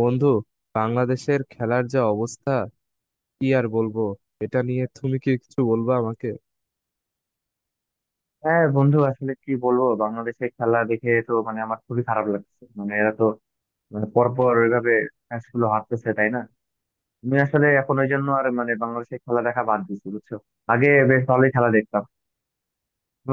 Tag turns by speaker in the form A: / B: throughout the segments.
A: বন্ধু, বাংলাদেশের খেলার যা অবস্থা কি আর বলবো। এটা নিয়ে তুমি কি কিছু বলবা আমাকে?
B: হ্যাঁ বন্ধু, আসলে কি বলবো, বাংলাদেশের খেলা দেখে তো মানে আমার খুবই খারাপ লাগছে। মানে এরা তো মানে পরপর ওইভাবে ম্যাচ গুলো হারতেছে, তাই না? আমি আসলে এখন ওই জন্য আর মানে বাংলাদেশের খেলা দেখা বাদ দিচ্ছি, বুঝছো। আগে বেশ ভালোই খেলা দেখতাম।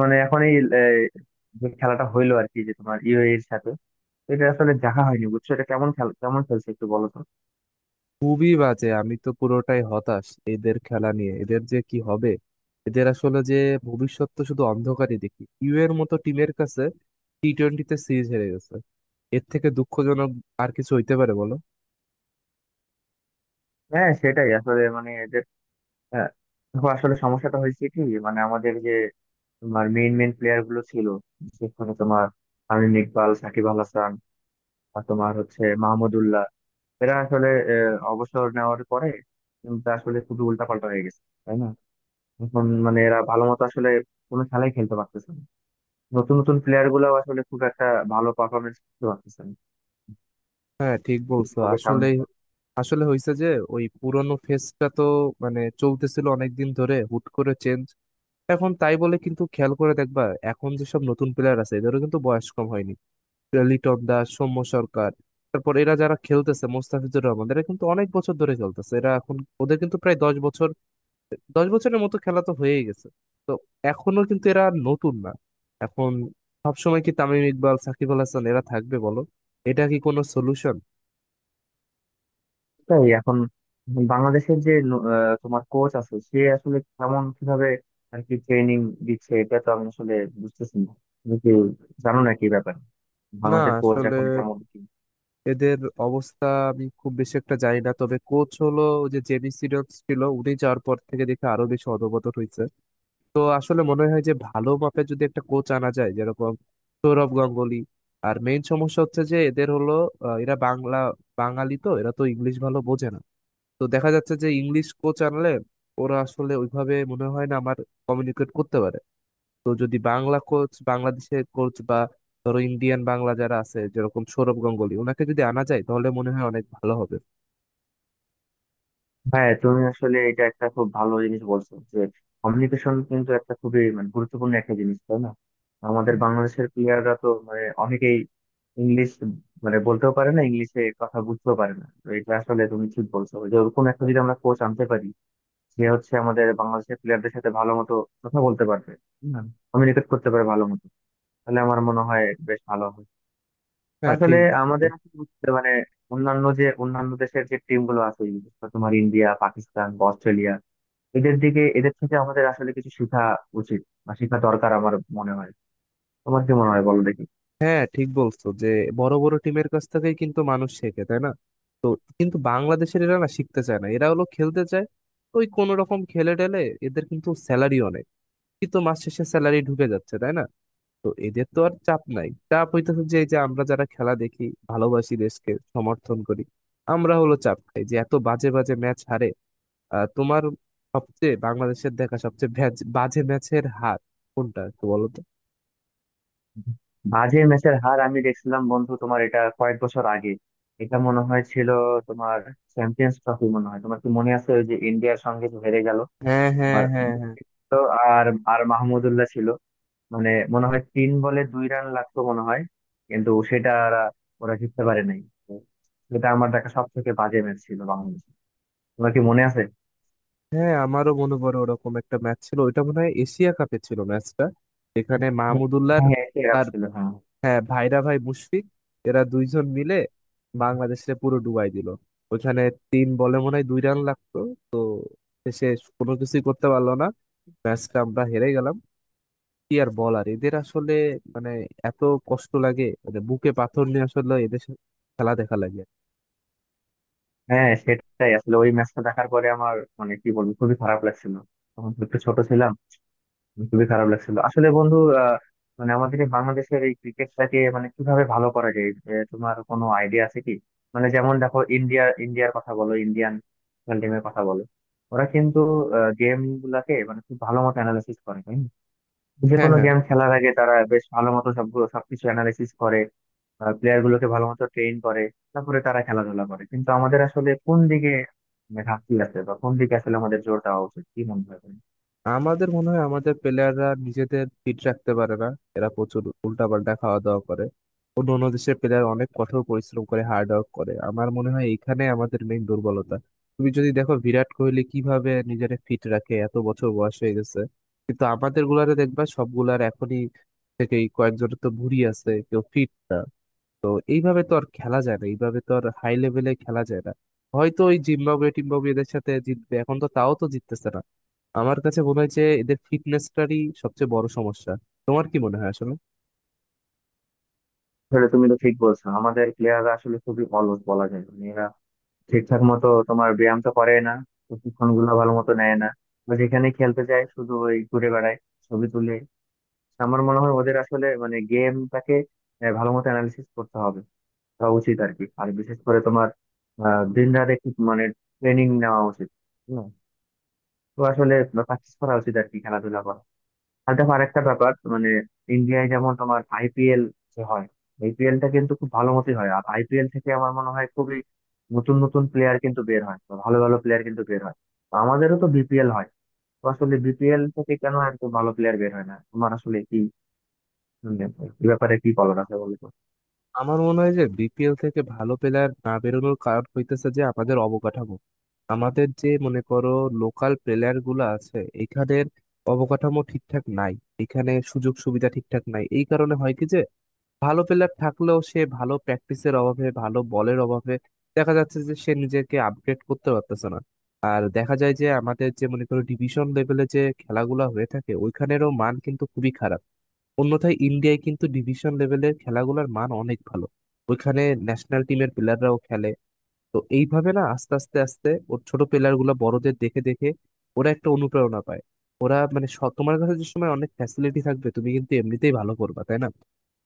B: মানে এখন এই যে খেলাটা হইলো আর কি, যে তোমার ইউএই এর সাথে, এটা আসলে দেখা হয়নি, বুঝছো। এটা কেমন খেলা, কেমন খেলছে একটু বলো তো।
A: খুবই বাজে, আমি তো পুরোটাই হতাশ এদের খেলা নিয়ে। এদের যে কি হবে, এদের আসলে যে ভবিষ্যৎ তো শুধু অন্ধকারই দেখি। ইউ এর মতো টিমের কাছে টি টোয়েন্টিতে সিরিজ হেরে গেছে। এর থেকে দুঃখজনক আর কিছু হইতে পারে বলো?
B: হ্যাঁ সেটাই, আসলে মানে এদের আহ, দেখো আসলে সমস্যাটা হয়েছে কি, মানে আমাদের যে তোমার মেইন মেইন প্লেয়ার গুলো ছিল, সেখানে তোমার তামিম ইকবাল, সাকিব আল হাসান, আর তোমার হচ্ছে মাহমুদউল্লাহ, এরা আসলে অবসর নেওয়ার পরে টিমটা আসলে খুবই উল্টাপাল্টা হয়ে গেছে, তাই না? এখন মানে এরা ভালো মতো আসলে কোনো খেলাই খেলতে পারতেছে না। নতুন নতুন প্লেয়ার গুলো আসলে খুব একটা ভালো পারফরমেন্স করতে পারতেছে না।
A: হ্যাঁ, ঠিক
B: কি
A: বলছো।
B: হবে সামনে
A: আসলে
B: এবার।
A: আসলে হয়েছে যে ওই পুরনো ফেসটা তো মানে চলতেছিল অনেকদিন ধরে, হুট করে চেঞ্জ। এখন তাই বলে কিন্তু খেয়াল করে দেখবা, এখন যেসব নতুন প্লেয়ার আছে এদেরও কিন্তু বয়স কম হয়নি। লিটন দাস, সৌম্য সরকার, তারপর এরা যারা খেলতেছে, মোস্তাফিজুর রহমান, এরা কিন্তু অনেক বছর ধরে খেলতেছে। এরা এখন, ওদের কিন্তু প্রায় 10 বছর, 10 বছরের মতো খেলা তো হয়েই গেছে। তো এখনো কিন্তু এরা নতুন না। এখন সবসময় কি তামিম ইকবাল, সাকিব আল হাসান এরা থাকবে বলো? এটা কি কোনো সলিউশন?
B: তাই এখন বাংলাদেশের যে তোমার কোচ আছে, সে আসলে কেমন, কিভাবে আর কি ট্রেনিং দিচ্ছে, এটা তো আমি আসলে বুঝতেছি না। তুমি কি জানো নাকি ব্যাপার,
A: না,
B: বাংলাদেশের কোচ
A: আসলে
B: এখন কেমন কি?
A: এদের অবস্থা আমি খুব বেশি একটা জানি না, তবে কোচ হলো ওই যে জেমি সিডন্স ছিল, উনি যাওয়ার পর থেকে দেখে আরো বেশি অধপতন হয়েছে। তো আসলে মনে হয় যে ভালো মাপের যদি একটা কোচ আনা যায় যেরকম সৌরভ গাঙ্গুলি। আর মেইন সমস্যা হচ্ছে যে এদের হলো এরা বাংলা, বাঙালি তো, এরা তো ইংলিশ ভালো বোঝে না। তো দেখা যাচ্ছে যে ইংলিশ কোচ আনলে ওরা আসলে ওইভাবে মনে হয় না আমার কমিউনিকেট করতে পারে। তো যদি বাংলা কোচ, বাংলাদেশের কোচ বা ধরো ইন্ডিয়ান বাংলা যারা আছে যেরকম সৌরভ গাঙ্গুলী, ওনাকে যদি আনা যায় তাহলে মনে হয় অনেক ভালো হবে।
B: হ্যাঁ, তুমি আসলে এটা একটা খুব ভালো জিনিস বলছো যে কমিউনিকেশন কিন্তু একটা খুবই মানে গুরুত্বপূর্ণ একটা জিনিস, তাই না? আমাদের
A: হ্যাঁ।
B: বাংলাদেশের প্লেয়াররা তো মানে অনেকেই ইংলিশ মানে বলতেও পারে না, ইংলিশে কথা বুঝতেও পারে না। তো এটা আসলে তুমি ঠিক বলছো যে ওরকম একটা যদি আমরা কোচ আনতে পারি যে হচ্ছে আমাদের বাংলাদেশের প্লেয়ারদের সাথে ভালো মতো কথা বলতে পারবে, কমিউনিকেট করতে পারে ভালো মতো, তাহলে আমার মনে হয় বেশ ভালো হবে।
A: হ্যাঁ,
B: আসলে
A: ঠিক।
B: আমাদের আসলে বুঝতে মানে অন্যান্য দেশের যে টিম গুলো আছে, বিশেষ করে তোমার ইন্ডিয়া, পাকিস্তান বা অস্ট্রেলিয়া, এদের দিকে, এদের থেকে আমাদের আসলে কিছু শেখা উচিত বা শেখা দরকার আমার মনে হয়। তোমার কি মনে হয় বলো দেখি।
A: হ্যাঁ, ঠিক বলছো যে বড় বড় টিমের কাছ থেকেই কিন্তু মানুষ শেখে তাই না। তো কিন্তু বাংলাদেশের এরা না, শিখতে চায় না, এরা হলো খেলতে চায়, ওই কোন রকম খেলে টেলে। এদের কিন্তু স্যালারি অনেক, কিন্তু মাস শেষে স্যালারি ঢুকে যাচ্ছে তাই না। তো এদের তো আর চাপ নাই, চাপ হইতেছে যে এই যে আমরা যারা খেলা দেখি, ভালোবাসি, দেশকে সমর্থন করি, আমরা হলো চাপ খাই যে এত বাজে বাজে ম্যাচ হারে। তোমার সবচেয়ে বাংলাদেশের দেখা সবচেয়ে বাজে ম্যাচের হার কোনটা একটু বলো তো?
B: বাজে ম্যাচের হার আমি দেখছিলাম বন্ধু, তোমার এটা কয়েক বছর আগে, এটা মনে হয় ছিল তোমার চ্যাম্পিয়ন্স ট্রফি মনে হয়, তোমার কি মনে আছে ওই যে ইন্ডিয়ার সঙ্গে যে হেরে গেল।
A: হ্যাঁ, হ্যাঁ,
B: আর
A: হ্যাঁ, হ্যাঁ।
B: মুশফিক ছিল, আর আর মাহমুদুল্লাহ ছিল। মানে মনে হয় তিন বলে দুই রান লাগতো মনে হয়, কিন্তু সেটা ওরা ওরা জিততে পারে নাই। তো সেটা আমার দেখা সব থেকে বাজে ম্যাচ ছিল বাংলাদেশে। তোমার কি মনে আছে?
A: হ্যাঁ, আমারও মনে পড়ে ওরকম একটা ম্যাচ ছিল। ওইটা মনে হয় এশিয়া কাপে ছিল ম্যাচটা। এখানে মাহমুদুল্লাহর
B: হ্যাঁ, খারাপ
A: তার,
B: ছিল, হ্যাঁ।
A: হ্যাঁ, ভাইরা ভাই মুশফিক, এরা দুইজন মিলে বাংলাদেশে পুরো ডুবাই দিল। ওখানে 3 বলে মনে হয় 2 রান লাগতো, সে কোনো কিছুই করতে পারলো না, ম্যাচটা আমরা হেরে গেলাম। কি আর বলার এদের আসলে, মানে এত কষ্ট লাগে, মানে বুকে পাথর নিয়ে আসলে এদের খেলা দেখা লাগে।
B: হ্যাঁ সেটাই, আসলে ওই ম্যাচটা দেখার পরে আমার মানে কি বলবো, খুবই খারাপ লাগছিল। তখন তো একটু ছোট ছিলাম, খুবই খারাপ লাগছিল আসলে বন্ধু। আহ, মানে আমাদের এই বাংলাদেশের এই ক্রিকেটটাকে মানে কিভাবে ভালো করা যায়, তোমার কোনো আইডিয়া আছে কি? মানে যেমন দেখো, ইন্ডিয়ার কথা বলো, ইন্ডিয়ান ন্যাশনাল টিমের কথা বলো, ওরা কিন্তু গেম গুলাকে মানে খুব ভালো মতো অ্যানালাইসিস করে, তাই না? যে
A: হ্যাঁ।
B: কোনো
A: হ্যাঁ,
B: গেম খেলার আগে তারা বেশ ভালো মতো সবগুলো সবকিছু অ্যানালাইসিস করে, প্লেয়ার গুলোকে ভালো মতো ট্রেন করে, তারপরে তারা খেলাধুলা করে। কিন্তু আমাদের আসলে কোন দিকে মানে ঘাটতি আছে বা কোন দিকে আসলে আমাদের জোর দেওয়া উচিত, কি মনে হয় তোমার?
A: আমাদের মনে হয় আমাদের প্লেয়াররা নিজেদের ফিট রাখতে পারে না, এরা প্রচুর উল্টাপাল্টা খাওয়া দাওয়া করে। অন্য অন্য দেশের প্লেয়ার অনেক কঠোর পরিশ্রম করে, হার্ড ওয়ার্ক করে। আমার মনে হয় এখানে আমাদের মেইন দুর্বলতা। তুমি যদি দেখো বিরাট কোহলি কিভাবে নিজের ফিট রাখে, এত বছর বয়স হয়ে গেছে। কিন্তু আমাদের গুলারে দেখবা সবগুলার এখনই থেকেই কয়েকজনের তো ভুঁড়ি আছে, কেউ ফিট না। তো এইভাবে তো আর খেলা যায় না, এইভাবে তো আর হাই লেভেলে খেলা যায় না। হয়তো ওই জিম্বাবুয়ে টিম্বাবুয়েদের সাথে জিতবে, এখন তো তাও তো জিততেছে না। আমার কাছে মনে হয় যে এদের ফিটনেসটারই সবচেয়ে বড় সমস্যা। তোমার কি মনে হয় আসলে?
B: আসলে তুমি তো ঠিক বলছো, আমাদের প্লেয়াররা আসলে খুবই অলস বলা যায়। মানে এরা ঠিকঠাক মতো তোমার ব্যায়াম তো করে না, প্রশিক্ষণ গুলো ভালো মতো নেয় না, বা যেখানে খেলতে যায় শুধু ওই ঘুরে বেড়ায়, ছবি তুলে। আমার মনে হয় ওদের আসলে মানে গেমটাকে ভালো মতো অ্যানালিসিস করতে হবে, তা উচিত আর কি। আর বিশেষ করে তোমার দিন রাত একটু মানে ট্রেনিং নেওয়া উচিত, হ্যাঁ। তো আসলে প্র্যাকটিস করা উচিত আর কি, খেলাধুলা করা। আর দেখো আরেকটা ব্যাপার মানে ইন্ডিয়ায় যেমন তোমার আইপিএল যে হয়, আইপিএলটা কিন্তু খুব ভালো মতোই হয়, আর আইপিএল থেকে আমার মনে হয় খুবই নতুন নতুন প্লেয়ার কিন্তু বের হয় বা ভালো ভালো প্লেয়ার কিন্তু বের হয়। তো আমাদেরও তো বিপিএল হয়, তো আসলে বিপিএল থেকে কেন এত ভালো প্লেয়ার বের হয় না, তোমার আসলে কি মানে এই ব্যাপারে কি বলার আছে বলো তো?
A: আমার মনে হয় যে বিপিএল থেকে ভালো প্লেয়ার না বেরোনোর কারণ হইতেছে যে আমাদের অবকাঠামো, আমাদের যে মনে করো লোকাল প্লেয়ার গুলো আছে এখানের অবকাঠামো ঠিকঠাক নাই, এখানে সুযোগ সুবিধা ঠিকঠাক নাই। এই কারণে হয় কি যে ভালো প্লেয়ার থাকলেও সে ভালো প্র্যাকটিসের অভাবে, ভালো বলের অভাবে দেখা যাচ্ছে যে সে নিজেকে আপডেট করতে পারতেছে না। আর দেখা যায় যে আমাদের যে মনে করো ডিভিশন লেভেলে যে খেলাগুলো হয়ে থাকে, ওইখানেরও মান কিন্তু খুবই খারাপ। অন্যথায় ইন্ডিয়ায় কিন্তু ডিভিশন লেভেলের খেলাগুলোর মান অনেক ভালো, ওইখানে ন্যাশনাল টিমের প্লেয়াররাও খেলে। তো এইভাবে না, আস্তে আস্তে আস্তে ওর ছোট প্লেয়ার গুলো বড়দের দেখে দেখে ওরা একটা অনুপ্রেরণা পায়। ওরা মানে তোমার কাছে যে সময় অনেক ফ্যাসিলিটি থাকবে তুমি কিন্তু এমনিতেই ভালো করবা তাই না।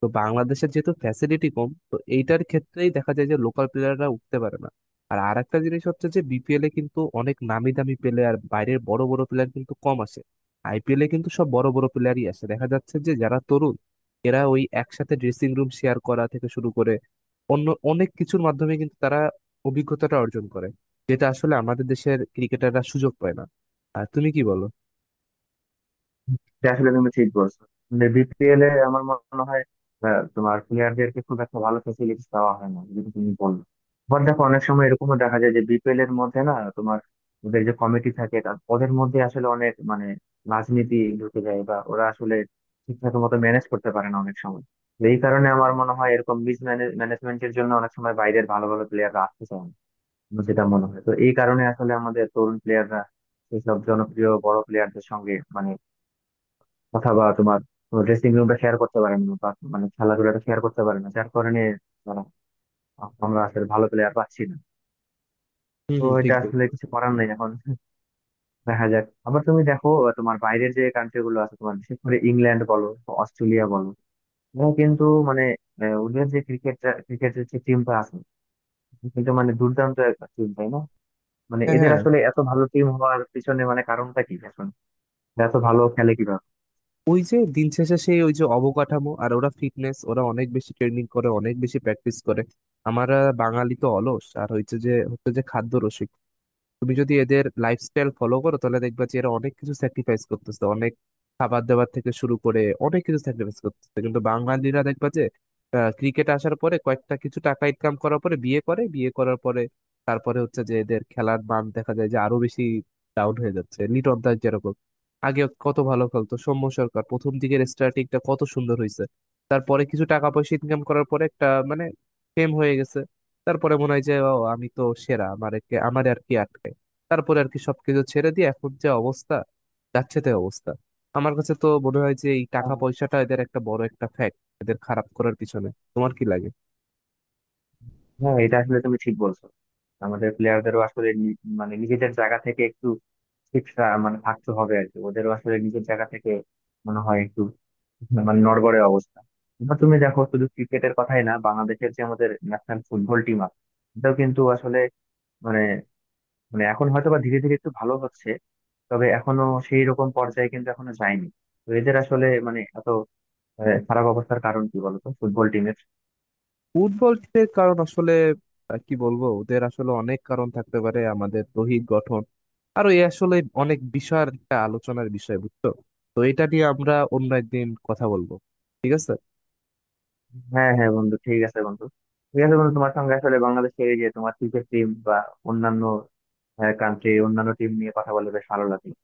A: তো বাংলাদেশের যেহেতু ফ্যাসিলিটি কম, তো এইটার ক্ষেত্রেই দেখা যায় যে লোকাল প্লেয়াররা উঠতে পারে না। আর আরেকটা জিনিস হচ্ছে যে বিপিএল এ কিন্তু অনেক নামি দামি প্লেয়ার, বাইরের বড় বড় প্লেয়ার কিন্তু কম আসে। আইপিএল এ কিন্তু সব বড় বড় প্লেয়ারই আসে, দেখা যাচ্ছে যে যারা তরুণ এরা ওই একসাথে ড্রেসিং রুম শেয়ার করা থেকে শুরু করে অন্য অনেক কিছুর মাধ্যমে কিন্তু তারা অভিজ্ঞতাটা অর্জন করে, যেটা আসলে আমাদের দেশের ক্রিকেটাররা সুযোগ পায় না। আর তুমি কি বলো?
B: এটা আসলে তুমি ঠিক বলছো। বিপিএল এ আমার মনে হয় তোমার প্লেয়ারদেরকে খুব একটা ভালো ফেসিলিটি দেওয়া হয় না, যেটা তুমি বললে। আবার দেখো অনেক সময় এরকমও দেখা যায় যে বিপিএল এর মধ্যে না তোমার ওদের যে কমিটি থাকে ওদের মধ্যে আসলে অনেক মানে রাজনীতি ঢুকে যায়, বা ওরা আসলে ঠিকঠাক মতো ম্যানেজ করতে পারে না অনেক সময়। তো এই কারণে আমার মনে হয় এরকম মিস ম্যানেজমেন্টের জন্য অনেক সময় বাইরের ভালো ভালো প্লেয়াররা আসতে চায় না, আমার যেটা মনে হয়। তো এই কারণে আসলে আমাদের তরুণ প্লেয়াররা এইসব জনপ্রিয় বড় প্লেয়ারদের সঙ্গে মানে অথবা তোমার ড্রেসিং রুমটা শেয়ার করতে পারে না, বা মানে খেলাধুলাটা শেয়ার করতে পারে না, যার কারণে ধরো আমরা আসলে ভালো প্লেয়ার পাচ্ছি না।
A: হুম,
B: তো
A: হুম,
B: এটা
A: ঠিক বল।
B: আসলে কিছু করার নেই এখন, দেখা যাক। আবার তুমি দেখো তোমার বাইরের যে কান্ট্রি গুলো আছে, তোমার বিশেষ করে ইংল্যান্ড বলো বা অস্ট্রেলিয়া বলো, ওরা কিন্তু মানে ওদের যে ক্রিকেটের যে টিমটা আছে কিন্তু মানে দুর্দান্ত একটা টিম, তাই না? মানে
A: হ্যাঁ,
B: এদের
A: হ্যাঁ,
B: আসলে এত ভালো টিম হওয়ার পিছনে মানে কারণটা কি এখন, এরা এত ভালো খেলে কিভাবে?
A: ওই যে দিন শেষে সেই ওই যে অবকাঠামো আর ওরা ফিটনেস, ওরা অনেক বেশি ট্রেনিং করে, অনেক বেশি প্র্যাকটিস করে। আমরা বাঙালি তো অলস। আর হচ্ছে যে হচ্ছে যে খাদ্য, তুমি যদি এদের লাইফস্টাইল ফলো করো তাহলে দেখবা যে এরা অনেক কিছু স্যাক্রিফাইস করতেছে, অনেক খাবার দাবার থেকে শুরু করে অনেক কিছু স্যাক্রিফাইস করতেছে। কিন্তু বাঙালিরা দেখবা যে ক্রিকেট আসার পরে কয়েকটা কিছু টাকা ইনকাম করার পরে বিয়ে করে, বিয়ে করার পরে তারপরে হচ্ছে যে এদের খেলার মান দেখা যায় যে আরো বেশি ডাউন হয়ে যাচ্ছে। লিটন দাস যেরকম আগে কত ভালো খেলতো, সৌম্য সরকার প্রথম দিকের স্টার্টিংটা কত সুন্দর হয়েছে, তারপরে কিছু টাকা পয়সা ইনকাম করার পরে একটা মানে ফেম হয়ে গেছে। তারপরে মনে হয় যে ও, আমি তো সেরা, আমার একে আমার আর কি আটকে। তারপরে আর কি সবকিছু ছেড়ে দিয়ে এখন যে অবস্থা, যাচ্ছে তাই অবস্থা। আমার কাছে তো মনে হয় যে এই টাকা পয়সাটা এদের একটা বড় একটা ফ্যাক্ট এদের খারাপ করার পিছনে। তোমার কি লাগে?
B: হ্যাঁ এটা আসলে তুমি ঠিক বলছো। আমাদের প্লেয়ারদেরও আসলে মানে নিজেদের জায়গা থেকে একটু মানে থাকতে হবে আর কি। ওদেরও আসলে নিজের জায়গা থেকে মনে হয় একটু মানে নড়বড়ে অবস্থা। এবার তুমি দেখো শুধু ক্রিকেটের কথাই না, বাংলাদেশের যে আমাদের ন্যাশনাল ফুটবল টিম আছে, এটাও কিন্তু আসলে মানে, মানে এখন হয়তো বা ধীরে ধীরে একটু ভালো হচ্ছে, তবে এখনো সেই রকম পর্যায়ে কিন্তু এখনো যায়নি। তো এদের আসলে মানে এত খারাপ অবস্থার কারণ কি বলতো ফুটবল টিমের?
A: ফুটবলের কারণ আসলে কি বলবো, ওদের আসলে অনেক কারণ থাকতে পারে, আমাদের দৈহিক গঠন আরো এ আসলে অনেক বিষয়ের একটা আলোচনার বিষয়, বুঝছো। তো এটা নিয়ে আমরা অন্য একদিন কথা বলবো, ঠিক আছে?
B: হ্যাঁ হ্যাঁ বন্ধু, ঠিক আছে বন্ধু। ঠিক আছে বন্ধু, তোমার সঙ্গে আসলে বাংলাদেশের এই যে তোমার ক্রিকেট টিম বা অন্যান্য কান্ট্রি, অন্যান্য টিম নিয়ে কথা বলে বেশ ভালো লাগলো।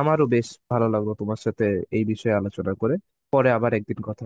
A: আমারও বেশ ভালো লাগলো তোমার সাথে এই বিষয়ে আলোচনা করে। পরে আবার একদিন কথা।